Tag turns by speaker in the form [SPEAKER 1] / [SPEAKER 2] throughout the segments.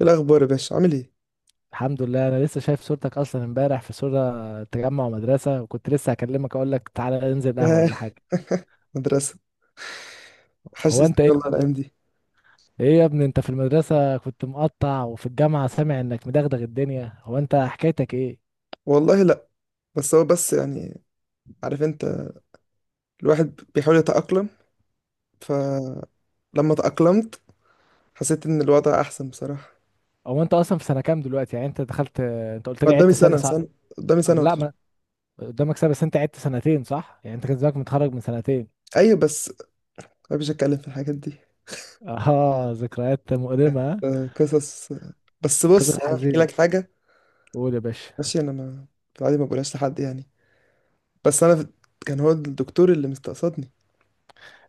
[SPEAKER 1] إيه الأخبار يا باشا؟ عامل إيه؟
[SPEAKER 2] الحمد لله، انا لسه شايف صورتك اصلا امبارح في صورة تجمع مدرسة، وكنت لسه هكلمك اقول لك تعالى ننزل قهوة
[SPEAKER 1] ياه،
[SPEAKER 2] ولا حاجة.
[SPEAKER 1] مدرسة.
[SPEAKER 2] هو
[SPEAKER 1] حشتني
[SPEAKER 2] انت
[SPEAKER 1] والله
[SPEAKER 2] ايه؟
[SPEAKER 1] الأيام دي.
[SPEAKER 2] ايه يا ابني، انت في المدرسة كنت مقطع، وفي الجامعة سامع انك مدغدغ الدنيا، هو انت حكايتك ايه؟
[SPEAKER 1] والله لأ. بس هو بس يعني، عارف أنت، الواحد بيحاول يتأقلم، فلما تأقلمت حسيت إن الوضع أحسن بصراحة.
[SPEAKER 2] هو انت اصلا في سنة كام دلوقتي؟ يعني انت دخلت، انت قلت لي
[SPEAKER 1] قدامي
[SPEAKER 2] عدت سنة،
[SPEAKER 1] سنة
[SPEAKER 2] صح؟
[SPEAKER 1] سنة، قدامي سنة
[SPEAKER 2] أم لا
[SPEAKER 1] وأتخرج.
[SPEAKER 2] ما قدامك سنة، بس انت عدت سنتين صح؟ يعني انت كان زمانك متخرج من سنتين.
[SPEAKER 1] أيوة بس مبيش أتكلم في الحاجات دي.
[SPEAKER 2] اه، ذكريات مؤلمة ها؟
[SPEAKER 1] آه، قصص، آه. بس بص،
[SPEAKER 2] قصة
[SPEAKER 1] يعني أنا هحكي
[SPEAKER 2] حزين.
[SPEAKER 1] لك حاجة.
[SPEAKER 2] قول يا باشا.
[SPEAKER 1] ماشي أنا ما في العادي ما بقولهاش لحد يعني. بس أنا في... كان هو الدكتور اللي مستقصدني.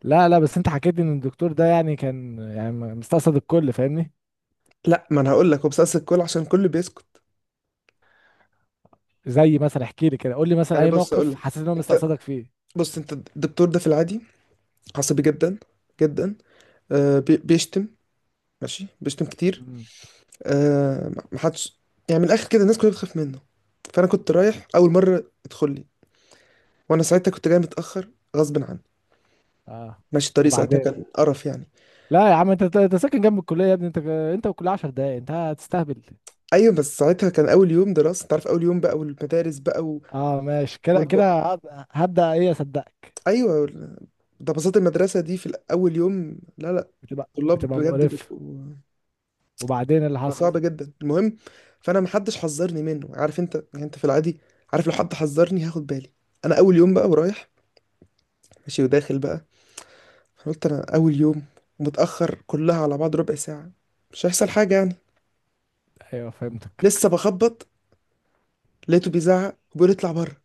[SPEAKER 2] لا لا، بس انت حكيت لي ان الدكتور ده كان مستقصد الكل، فاهمني؟
[SPEAKER 1] لأ، ما أنا هقول لك، هو بيستقصد الكل عشان الكل بيسكت.
[SPEAKER 2] زي مثلا احكي لي كده، قول لي مثلا
[SPEAKER 1] يعني
[SPEAKER 2] اي
[SPEAKER 1] بص أقول
[SPEAKER 2] موقف
[SPEAKER 1] لك.
[SPEAKER 2] حسيت ان هو
[SPEAKER 1] انت،
[SPEAKER 2] مستقصدك فيه.
[SPEAKER 1] بص انت الدكتور ده في العادي عصبي جدا، جدا. بيشتم، ماشي بيشتم كتير.
[SPEAKER 2] مم.
[SPEAKER 1] محدش، يعني من الاخر كده الناس كلها بتخاف منه. فانا كنت رايح اول مره ادخل لي، وانا ساعتها كنت جاي متاخر غصب عني،
[SPEAKER 2] اه.
[SPEAKER 1] ماشي الطريق ساعتها
[SPEAKER 2] وبعدين؟
[SPEAKER 1] كان قرف يعني.
[SPEAKER 2] لا يا عم، انت أنت ساكن جنب الكليه يا ابني، انت انت والكليه 10 دقايق، انت هتستهبل.
[SPEAKER 1] ايوه بس ساعتها كان اول يوم دراسه، انت عارف اول يوم بقى والمدارس بقى و...
[SPEAKER 2] اه ماشي، كده
[SPEAKER 1] والب...
[SPEAKER 2] كده هبدا ايه اصدقك.
[SPEAKER 1] ايوه، ده بساطة المدرسه دي في اول يوم. لا لا،
[SPEAKER 2] بتبقى
[SPEAKER 1] طلاب
[SPEAKER 2] بتبقى
[SPEAKER 1] بجد
[SPEAKER 2] مقرف.
[SPEAKER 1] بيبقوا
[SPEAKER 2] وبعدين اللي حصل؟
[SPEAKER 1] صعب جدا. المهم، فانا محدش حذرني منه. عارف انت، يعني انت في العادي، عارف لو حد حذرني هاخد بالي. انا اول يوم بقى ورايح، ماشي وداخل بقى. أنا قلت انا اول يوم متاخر، كلها على بعض ربع ساعه، مش هيحصل حاجه يعني.
[SPEAKER 2] ايوه فهمتك.
[SPEAKER 1] لسه بخبط لقيته بيزعق وبيقول اطلع بره،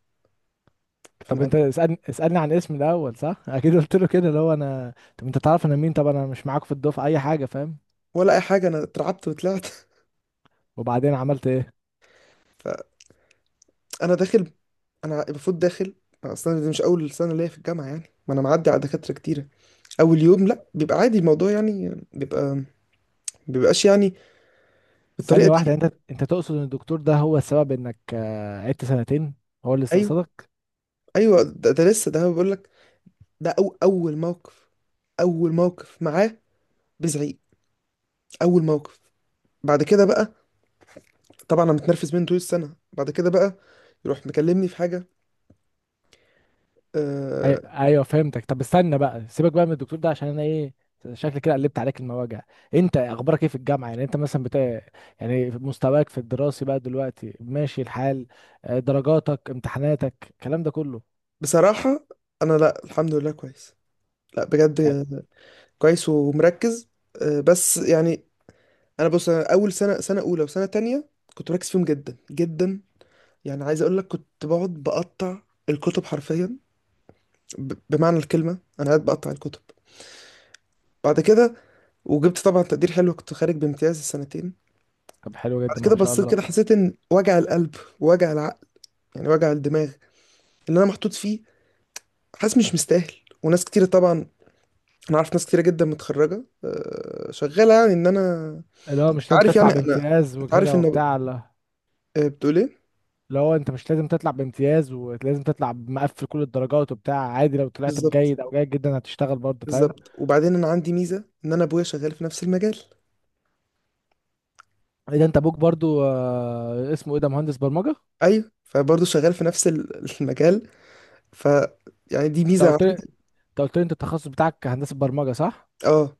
[SPEAKER 1] فانا
[SPEAKER 2] طب انت
[SPEAKER 1] قاعد.
[SPEAKER 2] اسالني عن اسمي الاول صح؟ اكيد قلت له كده اللي هو انا طب انت تعرف انا مين؟ طب انا مش معاك في الدفعه اي حاجه، فاهم؟
[SPEAKER 1] ولا اي حاجه، انا اترعبت وطلعت.
[SPEAKER 2] وبعدين عملت ايه؟
[SPEAKER 1] فانا داخل، انا المفروض داخل، اصلا دي مش اول سنه ليا في الجامعه يعني، ما انا معدي على دكاتره كتيره. اول يوم لا بيبقى عادي الموضوع يعني، بيبقى بيبقاش يعني بالطريقه
[SPEAKER 2] ثانية
[SPEAKER 1] دي.
[SPEAKER 2] واحدة، انت تقصد ان الدكتور ده هو السبب انك قعدت سنتين؟ هو اللي
[SPEAKER 1] أيوه.
[SPEAKER 2] استقصدك؟
[SPEAKER 1] ايوه ده، لسه ده بيقول لك. ده أو اول موقف، اول موقف معاه بزعيق، اول موقف. بعد كده بقى طبعا انا متنرفز منه طول السنه. بعد كده بقى يروح مكلمني في حاجه. أه.
[SPEAKER 2] ايوه فهمتك. طب استنى بقى، سيبك بقى من الدكتور ده، عشان انا ايه شكلي كده قلبت عليك المواجع. انت اخبارك ايه في الجامعة؟ يعني انت مثلا يعني مستواك في الدراسي بقى دلوقتي ماشي الحال؟ درجاتك، امتحاناتك، الكلام ده كله.
[SPEAKER 1] بصراحه، انا لا الحمد لله كويس. لا بجد،
[SPEAKER 2] آه،
[SPEAKER 1] كويس ومركز. بس يعني، انا بص، أنا اول سنه سنه اولى وسنه تانية كنت مركز فيهم جدا جدا. يعني عايز اقول لك كنت بقعد بقطع الكتب حرفيا. بمعنى الكلمه انا قاعد بقطع الكتب. بعد كده وجبت طبعا تقدير حلو، كنت خارج بامتياز السنتين.
[SPEAKER 2] طب حلو
[SPEAKER 1] بعد
[SPEAKER 2] جدا،
[SPEAKER 1] كده
[SPEAKER 2] ما شاء
[SPEAKER 1] بصيت
[SPEAKER 2] الله.
[SPEAKER 1] كده، حسيت ان وجع القلب، وجع العقل، يعني وجع الدماغ اللي انا محطوط فيه، حاسس مش مستاهل. وناس كتيرة طبعا، انا عارف ناس كتيرة جدا متخرجة شغالة، يعني ان انا
[SPEAKER 2] اللي هو مش
[SPEAKER 1] أنت
[SPEAKER 2] لازم
[SPEAKER 1] عارف،
[SPEAKER 2] تطلع
[SPEAKER 1] يعني انا
[SPEAKER 2] بامتياز
[SPEAKER 1] أنت عارف
[SPEAKER 2] وكده
[SPEAKER 1] ان
[SPEAKER 2] وبتاع، لا.
[SPEAKER 1] بتقول ايه.
[SPEAKER 2] لو انت مش لازم تطلع بامتياز ولازم تطلع مقفل كل الدرجات وبتاع عادي، لو طلعت
[SPEAKER 1] بالظبط،
[SPEAKER 2] بجيد او جيد جدا هتشتغل برضه، فاهم؟
[SPEAKER 1] بالظبط. وبعدين انا عندي ميزة ان انا ابويا شغال في نفس المجال.
[SPEAKER 2] ايه ده، انت ابوك برضه اسمه ايه ده، مهندس برمجة انت؟
[SPEAKER 1] ايوه فبرضه شغال في نفس المجال. ف يعني دي ميزة
[SPEAKER 2] قلت لي،
[SPEAKER 1] عندي.
[SPEAKER 2] انت قلت لي انت التخصص بتاعك هندسة برمجة صح؟
[SPEAKER 1] اه،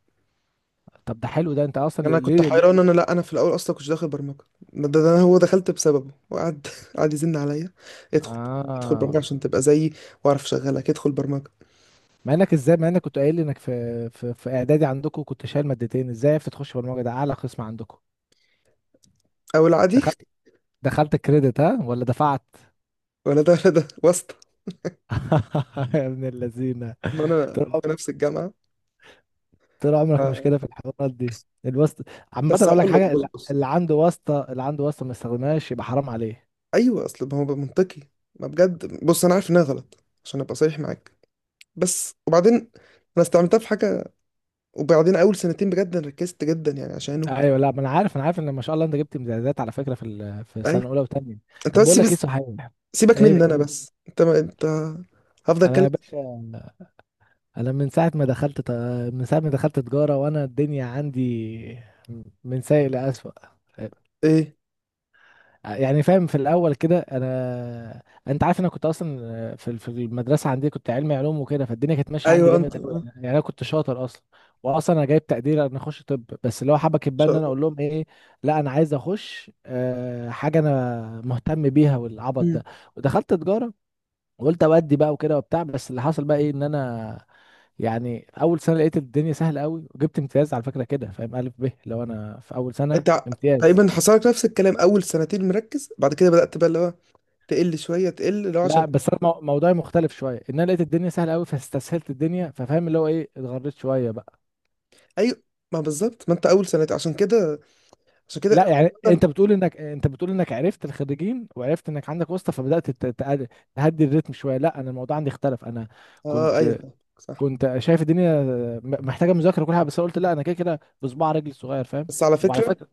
[SPEAKER 2] طب ده حلو، ده انت اصلا
[SPEAKER 1] انا كنت
[SPEAKER 2] ليه ليه.
[SPEAKER 1] حيران، انا لا انا في الاول اصلا كنتش داخل برمجه. ده هو دخلت بسببه، وقعد قعد يزن عليا، ادخل، ادخل
[SPEAKER 2] اه،
[SPEAKER 1] برمجه عشان تبقى زيي واعرف اشغلك، ادخل برمجه.
[SPEAKER 2] مع انك ازاي، مع انك كنت قايل لي انك في اعدادي عندكم كنت شايل مادتين، ازاي عرفت تخش برمجة، ده اعلى قسم عندكم.
[SPEAKER 1] او العادي.
[SPEAKER 2] دخلت، دخلت كريدت ها ولا دفعت؟
[SPEAKER 1] ولا ده ولا ده واسطه.
[SPEAKER 2] يا ابن اللذينه،
[SPEAKER 1] ما انا في نفس الجامعه.
[SPEAKER 2] طول عمرك مشكله
[SPEAKER 1] ف-
[SPEAKER 2] في الحوارات دي، الواسطه. عامه
[SPEAKER 1] بس
[SPEAKER 2] اقول لك
[SPEAKER 1] هقول لك
[SPEAKER 2] حاجه،
[SPEAKER 1] بص
[SPEAKER 2] اللي
[SPEAKER 1] بص.
[SPEAKER 2] اللي عنده واسطه، اللي عنده واسطه ما يستخدمهاش يبقى حرام عليه.
[SPEAKER 1] ايوه، اصل ما هو منطقي. ما بجد بص، انا عارف انها غلط عشان ابقى صريح معاك. بس وبعدين انا استعملتها في حاجه. وبعدين اول سنتين بجد أنا ركزت جدا يعني عشانه.
[SPEAKER 2] ايوه لا، ما انا عارف، انا عارف ان ما شاء الله انت جبت امتيازات على فكره في في
[SPEAKER 1] اي،
[SPEAKER 2] سنه اولى وثانيه.
[SPEAKER 1] انت
[SPEAKER 2] طب
[SPEAKER 1] بس
[SPEAKER 2] بقول لك ايه صحيح،
[SPEAKER 1] سيبك
[SPEAKER 2] ايه
[SPEAKER 1] مني انا،
[SPEAKER 2] بتقول؟
[SPEAKER 1] بس انت ما انت هفضل
[SPEAKER 2] انا
[SPEAKER 1] اتكلم.
[SPEAKER 2] يا باشا، انا من ساعه ما دخلت ت- من ساعه ما دخلت تجاره وانا الدنيا عندي من سيء لاسوء،
[SPEAKER 1] ايه.
[SPEAKER 2] يعني فاهم. في الاول كده انا، انت عارف انا كنت اصلا في المدرسه عندي كنت علمي علوم وكده، فالدنيا كانت ماشيه عندي
[SPEAKER 1] ايوه انت،
[SPEAKER 2] جامد قوي،
[SPEAKER 1] ان
[SPEAKER 2] يعني يعني انا كنت شاطر اصلا. واصلا انا جايب تقدير ان اخش طب، بس اللي هو حبكت بقى
[SPEAKER 1] شاء
[SPEAKER 2] ان انا
[SPEAKER 1] الله.
[SPEAKER 2] اقول لهم ايه لا انا عايز اخش حاجه انا مهتم بيها والعبط
[SPEAKER 1] مم.
[SPEAKER 2] ده. ودخلت تجاره وقلت اودي بقى وكده وبتاع، بس اللي حصل بقى ايه ان انا يعني اول سنه لقيت الدنيا سهله قوي، وجبت امتياز على فكره كده فاهم، الف ب لو انا في اول سنه
[SPEAKER 1] انت ع-
[SPEAKER 2] امتياز.
[SPEAKER 1] تقريبا حصل لك نفس الكلام، اول سنتين مركز، بعد كده بدأت بقى اللي هو تقل شويه، تقل اللي هو عشان.
[SPEAKER 2] لا بس انا موضوعي مختلف شويه، ان انا لقيت الدنيا سهله قوي فاستسهلت الدنيا، ففاهم اللي هو ايه، اتغريت شويه بقى.
[SPEAKER 1] ايوه، ما بالظبط، ما انت اول سنتين عشان كده، عشان كده.
[SPEAKER 2] لا يعني انت
[SPEAKER 1] عامه.
[SPEAKER 2] بتقول انك، انت بتقول انك عرفت الخريجين وعرفت انك عندك واسطه فبدات تهدي الريتم شويه، لا انا الموضوع عندي اختلف. انا
[SPEAKER 1] اه ايوه
[SPEAKER 2] كنت،
[SPEAKER 1] فاهمك، صح.
[SPEAKER 2] كنت شايف الدنيا محتاجه مذاكره وكل حاجه، بس أنا قلت لا انا كده كده بصباع رجلي الصغير، فاهم؟
[SPEAKER 1] بس على
[SPEAKER 2] وعلى
[SPEAKER 1] فكره،
[SPEAKER 2] فكره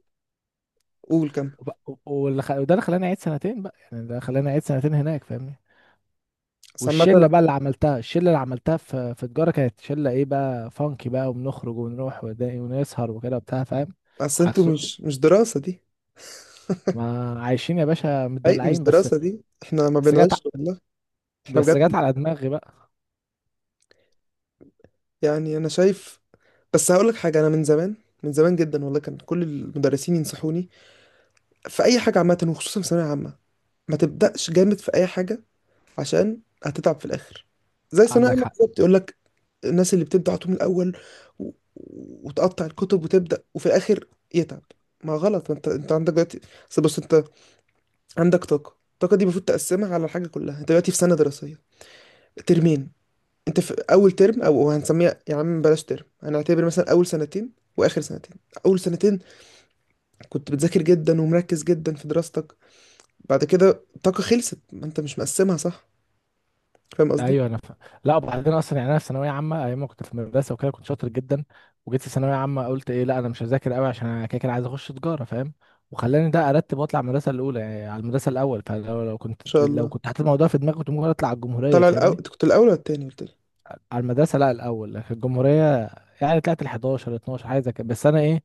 [SPEAKER 1] قول كم.
[SPEAKER 2] وده اللي خلاني اعيد سنتين بقى، يعني ده خلاني اعيد سنتين هناك فاهمني.
[SPEAKER 1] بس عامه،
[SPEAKER 2] والشله بقى اللي عملتها، الشله اللي عملتها في تجاره كانت شله ايه بقى، فانكي بقى، وبنخرج ونروح ونسهر وكده بتاع فاهم،
[SPEAKER 1] اصل انتوا
[SPEAKER 2] عكس.
[SPEAKER 1] مش دراسه دي.
[SPEAKER 2] ما عايشين يا باشا
[SPEAKER 1] اي مش
[SPEAKER 2] متدلعين بس.
[SPEAKER 1] دراسه دي، احنا ما
[SPEAKER 2] بس جت
[SPEAKER 1] بنعيش
[SPEAKER 2] ع-
[SPEAKER 1] والله، احنا
[SPEAKER 2] بس جت
[SPEAKER 1] بجد.
[SPEAKER 2] على دماغي بقى.
[SPEAKER 1] يعني انا شايف، بس هقول لك حاجه، انا من زمان، من زمان جدا والله كان كل المدرسين ينصحوني في اي حاجه عامه، وخصوصا في ثانويه عامه، ما تبدأش جامد في أي حاجة عشان هتتعب في الآخر. زي ثانوية
[SPEAKER 2] عندك
[SPEAKER 1] عامة
[SPEAKER 2] حق.
[SPEAKER 1] بالظبط يقول لك، الناس اللي بتبدأ على طول من الأول و... وتقطع الكتب وتبدأ، وفي الآخر يتعب. ما غلط، ما انت عندك دلوقتي، اصل بص، انت عندك طاقة، الطاقة دي المفروض تقسمها على الحاجة كلها. انت دلوقتي في سنة دراسية، ترمين. انت في أول ترم، أو هنسميها يا عم بلاش ترم، هنعتبر مثلا أول سنتين وآخر سنتين. أول سنتين كنت بتذاكر جدا ومركز جدا في دراستك. بعد كده الطاقة خلصت، ما انت مش مقسمها صح، فاهم قصدي.
[SPEAKER 2] ايوه انا فاهم. لا وبعدين اصلا يعني انا في ثانويه عامه ايام ما كنت في المدرسه وكده كنت شاطر جدا، وجيت في ثانويه عامه قلت ايه لا انا مش هذاكر قوي عشان انا كده كده عايز اخش تجاره، فاهم؟ وخلاني ده ارتب واطلع المدرسه الاولى، يعني على المدرسه الاول، فلو
[SPEAKER 1] شاء
[SPEAKER 2] لو
[SPEAKER 1] الله.
[SPEAKER 2] كنت حاطط الموضوع في دماغي كنت ممكن اطلع على الجمهوريه
[SPEAKER 1] طلع الأول،
[SPEAKER 2] فاهمني.
[SPEAKER 1] أنت كنت الأول ولا التاني؟ قلت لي.
[SPEAKER 2] على المدرسة، لا، الأول في الجمهورية. يعني طلعت ال 11 12 حاجة زي كده، بس أنا إيه،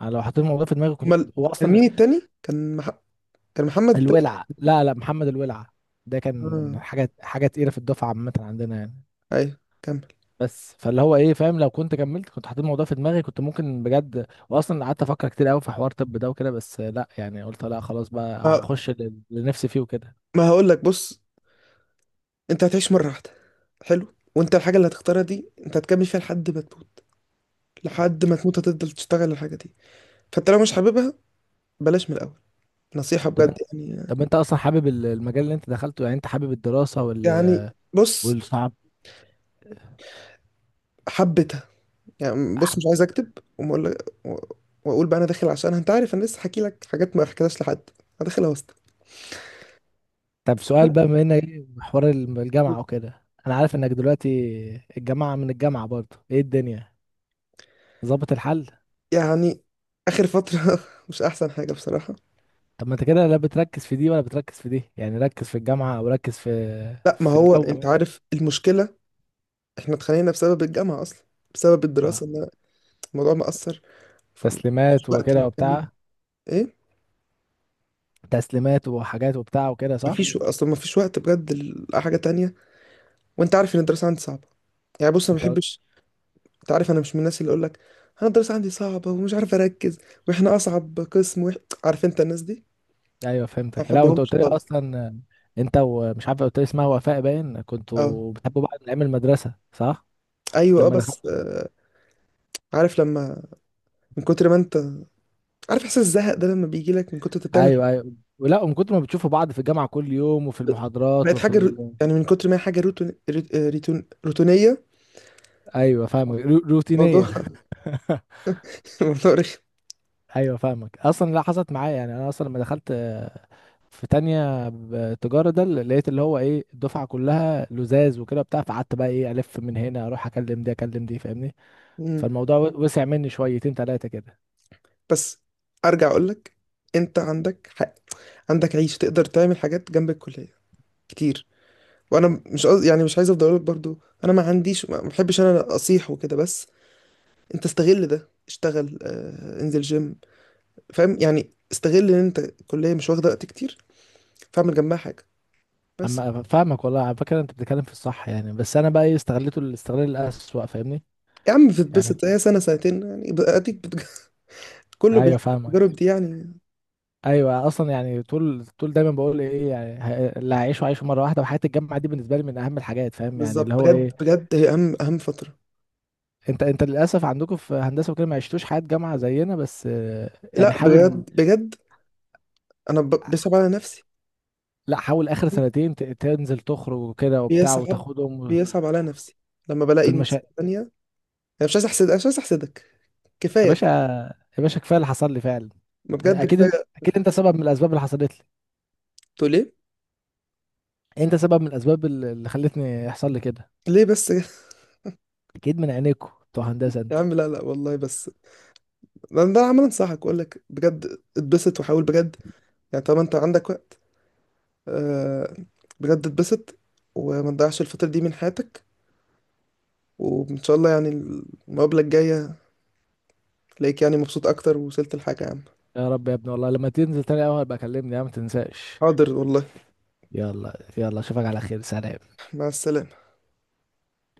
[SPEAKER 2] أنا لو حطيت الموضوع في دماغي كنت
[SPEAKER 1] أمال،
[SPEAKER 2] هو
[SPEAKER 1] كان
[SPEAKER 2] أصلا
[SPEAKER 1] مين التاني؟ كان مح... كان محمد التاني؟
[SPEAKER 2] الولع. لا لا، محمد الولع ده كان
[SPEAKER 1] آه،
[SPEAKER 2] حاجة تقيلة في الدفعة عامة عندنا يعني.
[SPEAKER 1] أيوه كمل.
[SPEAKER 2] بس فاللي هو إيه فاهم، لو كنت كملت كنت حطيت الموضوع في دماغي كنت ممكن بجد، وأصلا قعدت أفكر كتير أوي في حوار طب ده وكده، بس لا يعني قلت لا خلاص بقى
[SPEAKER 1] ما,
[SPEAKER 2] هخش اللي اللي نفسي فيه وكده.
[SPEAKER 1] ما هقول لك بص، أنت هتعيش مرة واحدة حلو، وأنت الحاجة اللي هتختارها دي أنت هتكمل فيها لحد ما تموت، لحد ما تموت هتفضل تشتغل الحاجة دي. فأنت لو مش حاببها، بلاش من الأول، نصيحة
[SPEAKER 2] طب،
[SPEAKER 1] بجد يعني.
[SPEAKER 2] طب أنت أصلا حابب المجال اللي أنت دخلته؟ يعني أنت حابب الدراسة وال
[SPEAKER 1] يعني بص
[SPEAKER 2] والصعب؟
[SPEAKER 1] حبيتها، يعني بص مش عايز أكتب وأقول، وأقول بقى أنا داخل عشان أنت عارف أنا لسه حكي لك حاجات ما حكيتهاش لحد. أنا داخل أوسط،
[SPEAKER 2] طب سؤال بقى، بما انك إيه حوار الجامعة وكده، انا عارف انك دلوقتي الجامعة، من الجامعة برضه ايه الدنيا ظابط الحل؟
[SPEAKER 1] يعني اخر فتره مش احسن حاجه بصراحه.
[SPEAKER 2] طب ما انت كده لا بتركز في دي ولا بتركز في دي، يعني ركز في الجامعة او ركز في
[SPEAKER 1] لا ما
[SPEAKER 2] في
[SPEAKER 1] هو
[SPEAKER 2] الجو
[SPEAKER 1] انت
[SPEAKER 2] مثلا.
[SPEAKER 1] عارف المشكله، احنا اتخانقنا بسبب الجامعه اصلا، بسبب
[SPEAKER 2] اه
[SPEAKER 1] الدراسه، ان الموضوع مأثر، فمفيش
[SPEAKER 2] تسليمات
[SPEAKER 1] وقت
[SPEAKER 2] وكده
[SPEAKER 1] نتكلم.
[SPEAKER 2] وبتاع،
[SPEAKER 1] ايه،
[SPEAKER 2] تسليمات وحاجات وبتاع وكده صح؟
[SPEAKER 1] مفيش اصلا، مفيش وقت بجد لحاجه تانية. وانت عارف ان الدراسه عندي صعبه. يعني بص انا ما
[SPEAKER 2] انت قل-
[SPEAKER 1] بحبش، انت عارف انا مش من الناس اللي اقول لك انا الدراسه عندي صعبه ومش عارف اركز، واحنا اصعب قسم، وإح... عارف انت الناس دي
[SPEAKER 2] ايوه
[SPEAKER 1] ما
[SPEAKER 2] فهمتك. لا وانت
[SPEAKER 1] بحبهمش
[SPEAKER 2] قلت لي
[SPEAKER 1] خالص.
[SPEAKER 2] اصلا انت ومش عارف قلت لي اسمها وفاء، باين
[SPEAKER 1] اه
[SPEAKER 2] كنتوا بتحبوا بعض من ايام المدرسة صح؟
[SPEAKER 1] ايوه اه،
[SPEAKER 2] لما
[SPEAKER 1] بس
[SPEAKER 2] دخلت.
[SPEAKER 1] آه. عارف لما، من كتر ما انت عارف احساس الزهق ده، لما بيجي لك من كتر انت بتعمل
[SPEAKER 2] ايوه
[SPEAKER 1] حاجة-
[SPEAKER 2] ايوه. ولا من كتر ما بتشوفوا بعض في الجامعه كل يوم وفي المحاضرات
[SPEAKER 1] بقت
[SPEAKER 2] وفي
[SPEAKER 1] حاجه رو... يعني من كتر ما هي حاجه روتونيه
[SPEAKER 2] ايوه فاهمك،
[SPEAKER 1] الموضوع.
[SPEAKER 2] روتينيه.
[SPEAKER 1] الموضوع رخم.
[SPEAKER 2] ايوه فاهمك. اصلا لا حصلت معايا، يعني انا اصلا لما دخلت في تانية تجارة، ده اللي لقيت اللي هو ايه الدفعة كلها لزاز وكده بتاع، فقعدت بقى ايه الف من هنا اروح اكلم دي اكلم دي فاهمني.
[SPEAKER 1] مم.
[SPEAKER 2] فالموضوع وسع مني شويتين تلاتة كده.
[SPEAKER 1] بس ارجع اقول لك، انت عندك حق، عندك عيش، تقدر تعمل حاجات جنب الكليه كتير. وانا مش قصدي يعني، مش عايز افضل اقول لك برضو، انا ما عنديش، ما بحبش انا اصيح وكده، بس انت استغل ده، اشتغل، انزل جيم، فاهم؟ يعني استغل ان انت الكليه مش واخده وقت كتير، فاعمل جنبها حاجه، بس.
[SPEAKER 2] اما فاهمك والله، على فكرة انت بتتكلم في الصح يعني، بس انا بقى ايه استغليته الاستغلال الأسوأ فاهمني.
[SPEAKER 1] يا عم
[SPEAKER 2] يعني
[SPEAKER 1] بتتبسط، هي سنة سنتين يعني، اديك بتج... كله
[SPEAKER 2] ايوه
[SPEAKER 1] بيجرب
[SPEAKER 2] فاهمك.
[SPEAKER 1] دي يعني.
[SPEAKER 2] ايوه اصلا يعني، طول طول دايما بقول ايه يعني، اللي هعيشه عايشه مره واحده، وحياه الجامعه دي بالنسبه لي من اهم الحاجات، فاهم يعني اللي
[SPEAKER 1] بالظبط،
[SPEAKER 2] هو
[SPEAKER 1] بجد
[SPEAKER 2] ايه.
[SPEAKER 1] بجد هي اهم اهم فترة.
[SPEAKER 2] انت للاسف عندكم في هندسه وكده ما عشتوش حياه جامعه زينا، بس يعني
[SPEAKER 1] لا
[SPEAKER 2] حاول،
[SPEAKER 1] بجد بجد، انا بيصعب على نفسي،
[SPEAKER 2] لا حاول اخر سنتين تنزل تخرج وكده وبتاع
[SPEAKER 1] بيصعب،
[SPEAKER 2] وتاخدهم و-
[SPEAKER 1] بيصعب على نفسي لما بلاقي
[SPEAKER 2] في
[SPEAKER 1] الناس
[SPEAKER 2] المشا.
[SPEAKER 1] التانية. انا مش عايز احسد أنا مش عايز احسدك،
[SPEAKER 2] يا
[SPEAKER 1] كفاية
[SPEAKER 2] باشا،
[SPEAKER 1] كده.
[SPEAKER 2] يا باشا كفايه اللي حصل لي فعلا.
[SPEAKER 1] ما
[SPEAKER 2] يعني
[SPEAKER 1] بجد
[SPEAKER 2] اكيد انت،
[SPEAKER 1] كفاية.
[SPEAKER 2] اكيد انت سبب من الاسباب اللي حصلت لي،
[SPEAKER 1] تقول ليه؟
[SPEAKER 2] انت سبب من الاسباب اللي خلتني يحصل لي كده،
[SPEAKER 1] ليه بس كده؟
[SPEAKER 2] اكيد من عينيكوا بتوع هندسه
[SPEAKER 1] يا
[SPEAKER 2] انتوا.
[SPEAKER 1] عم لا لا والله، بس ده عمال انصحك اقول لك بجد، اتبسط وحاول بجد يعني، طالما انت عندك وقت، آه، بجد اتبسط وما تضيعش الفترة دي من حياتك. وان شاء الله يعني المقابله الجايه تلاقيك يعني مبسوط اكتر، ووصلت لحاجه يا عم.
[SPEAKER 2] يا رب يا ابني، والله لما تنزل تاني اول بكلمني يا عم ما تنساش.
[SPEAKER 1] حاضر والله.
[SPEAKER 2] يلا يلا، اشوفك على خير، سلام.
[SPEAKER 1] مع السلامه.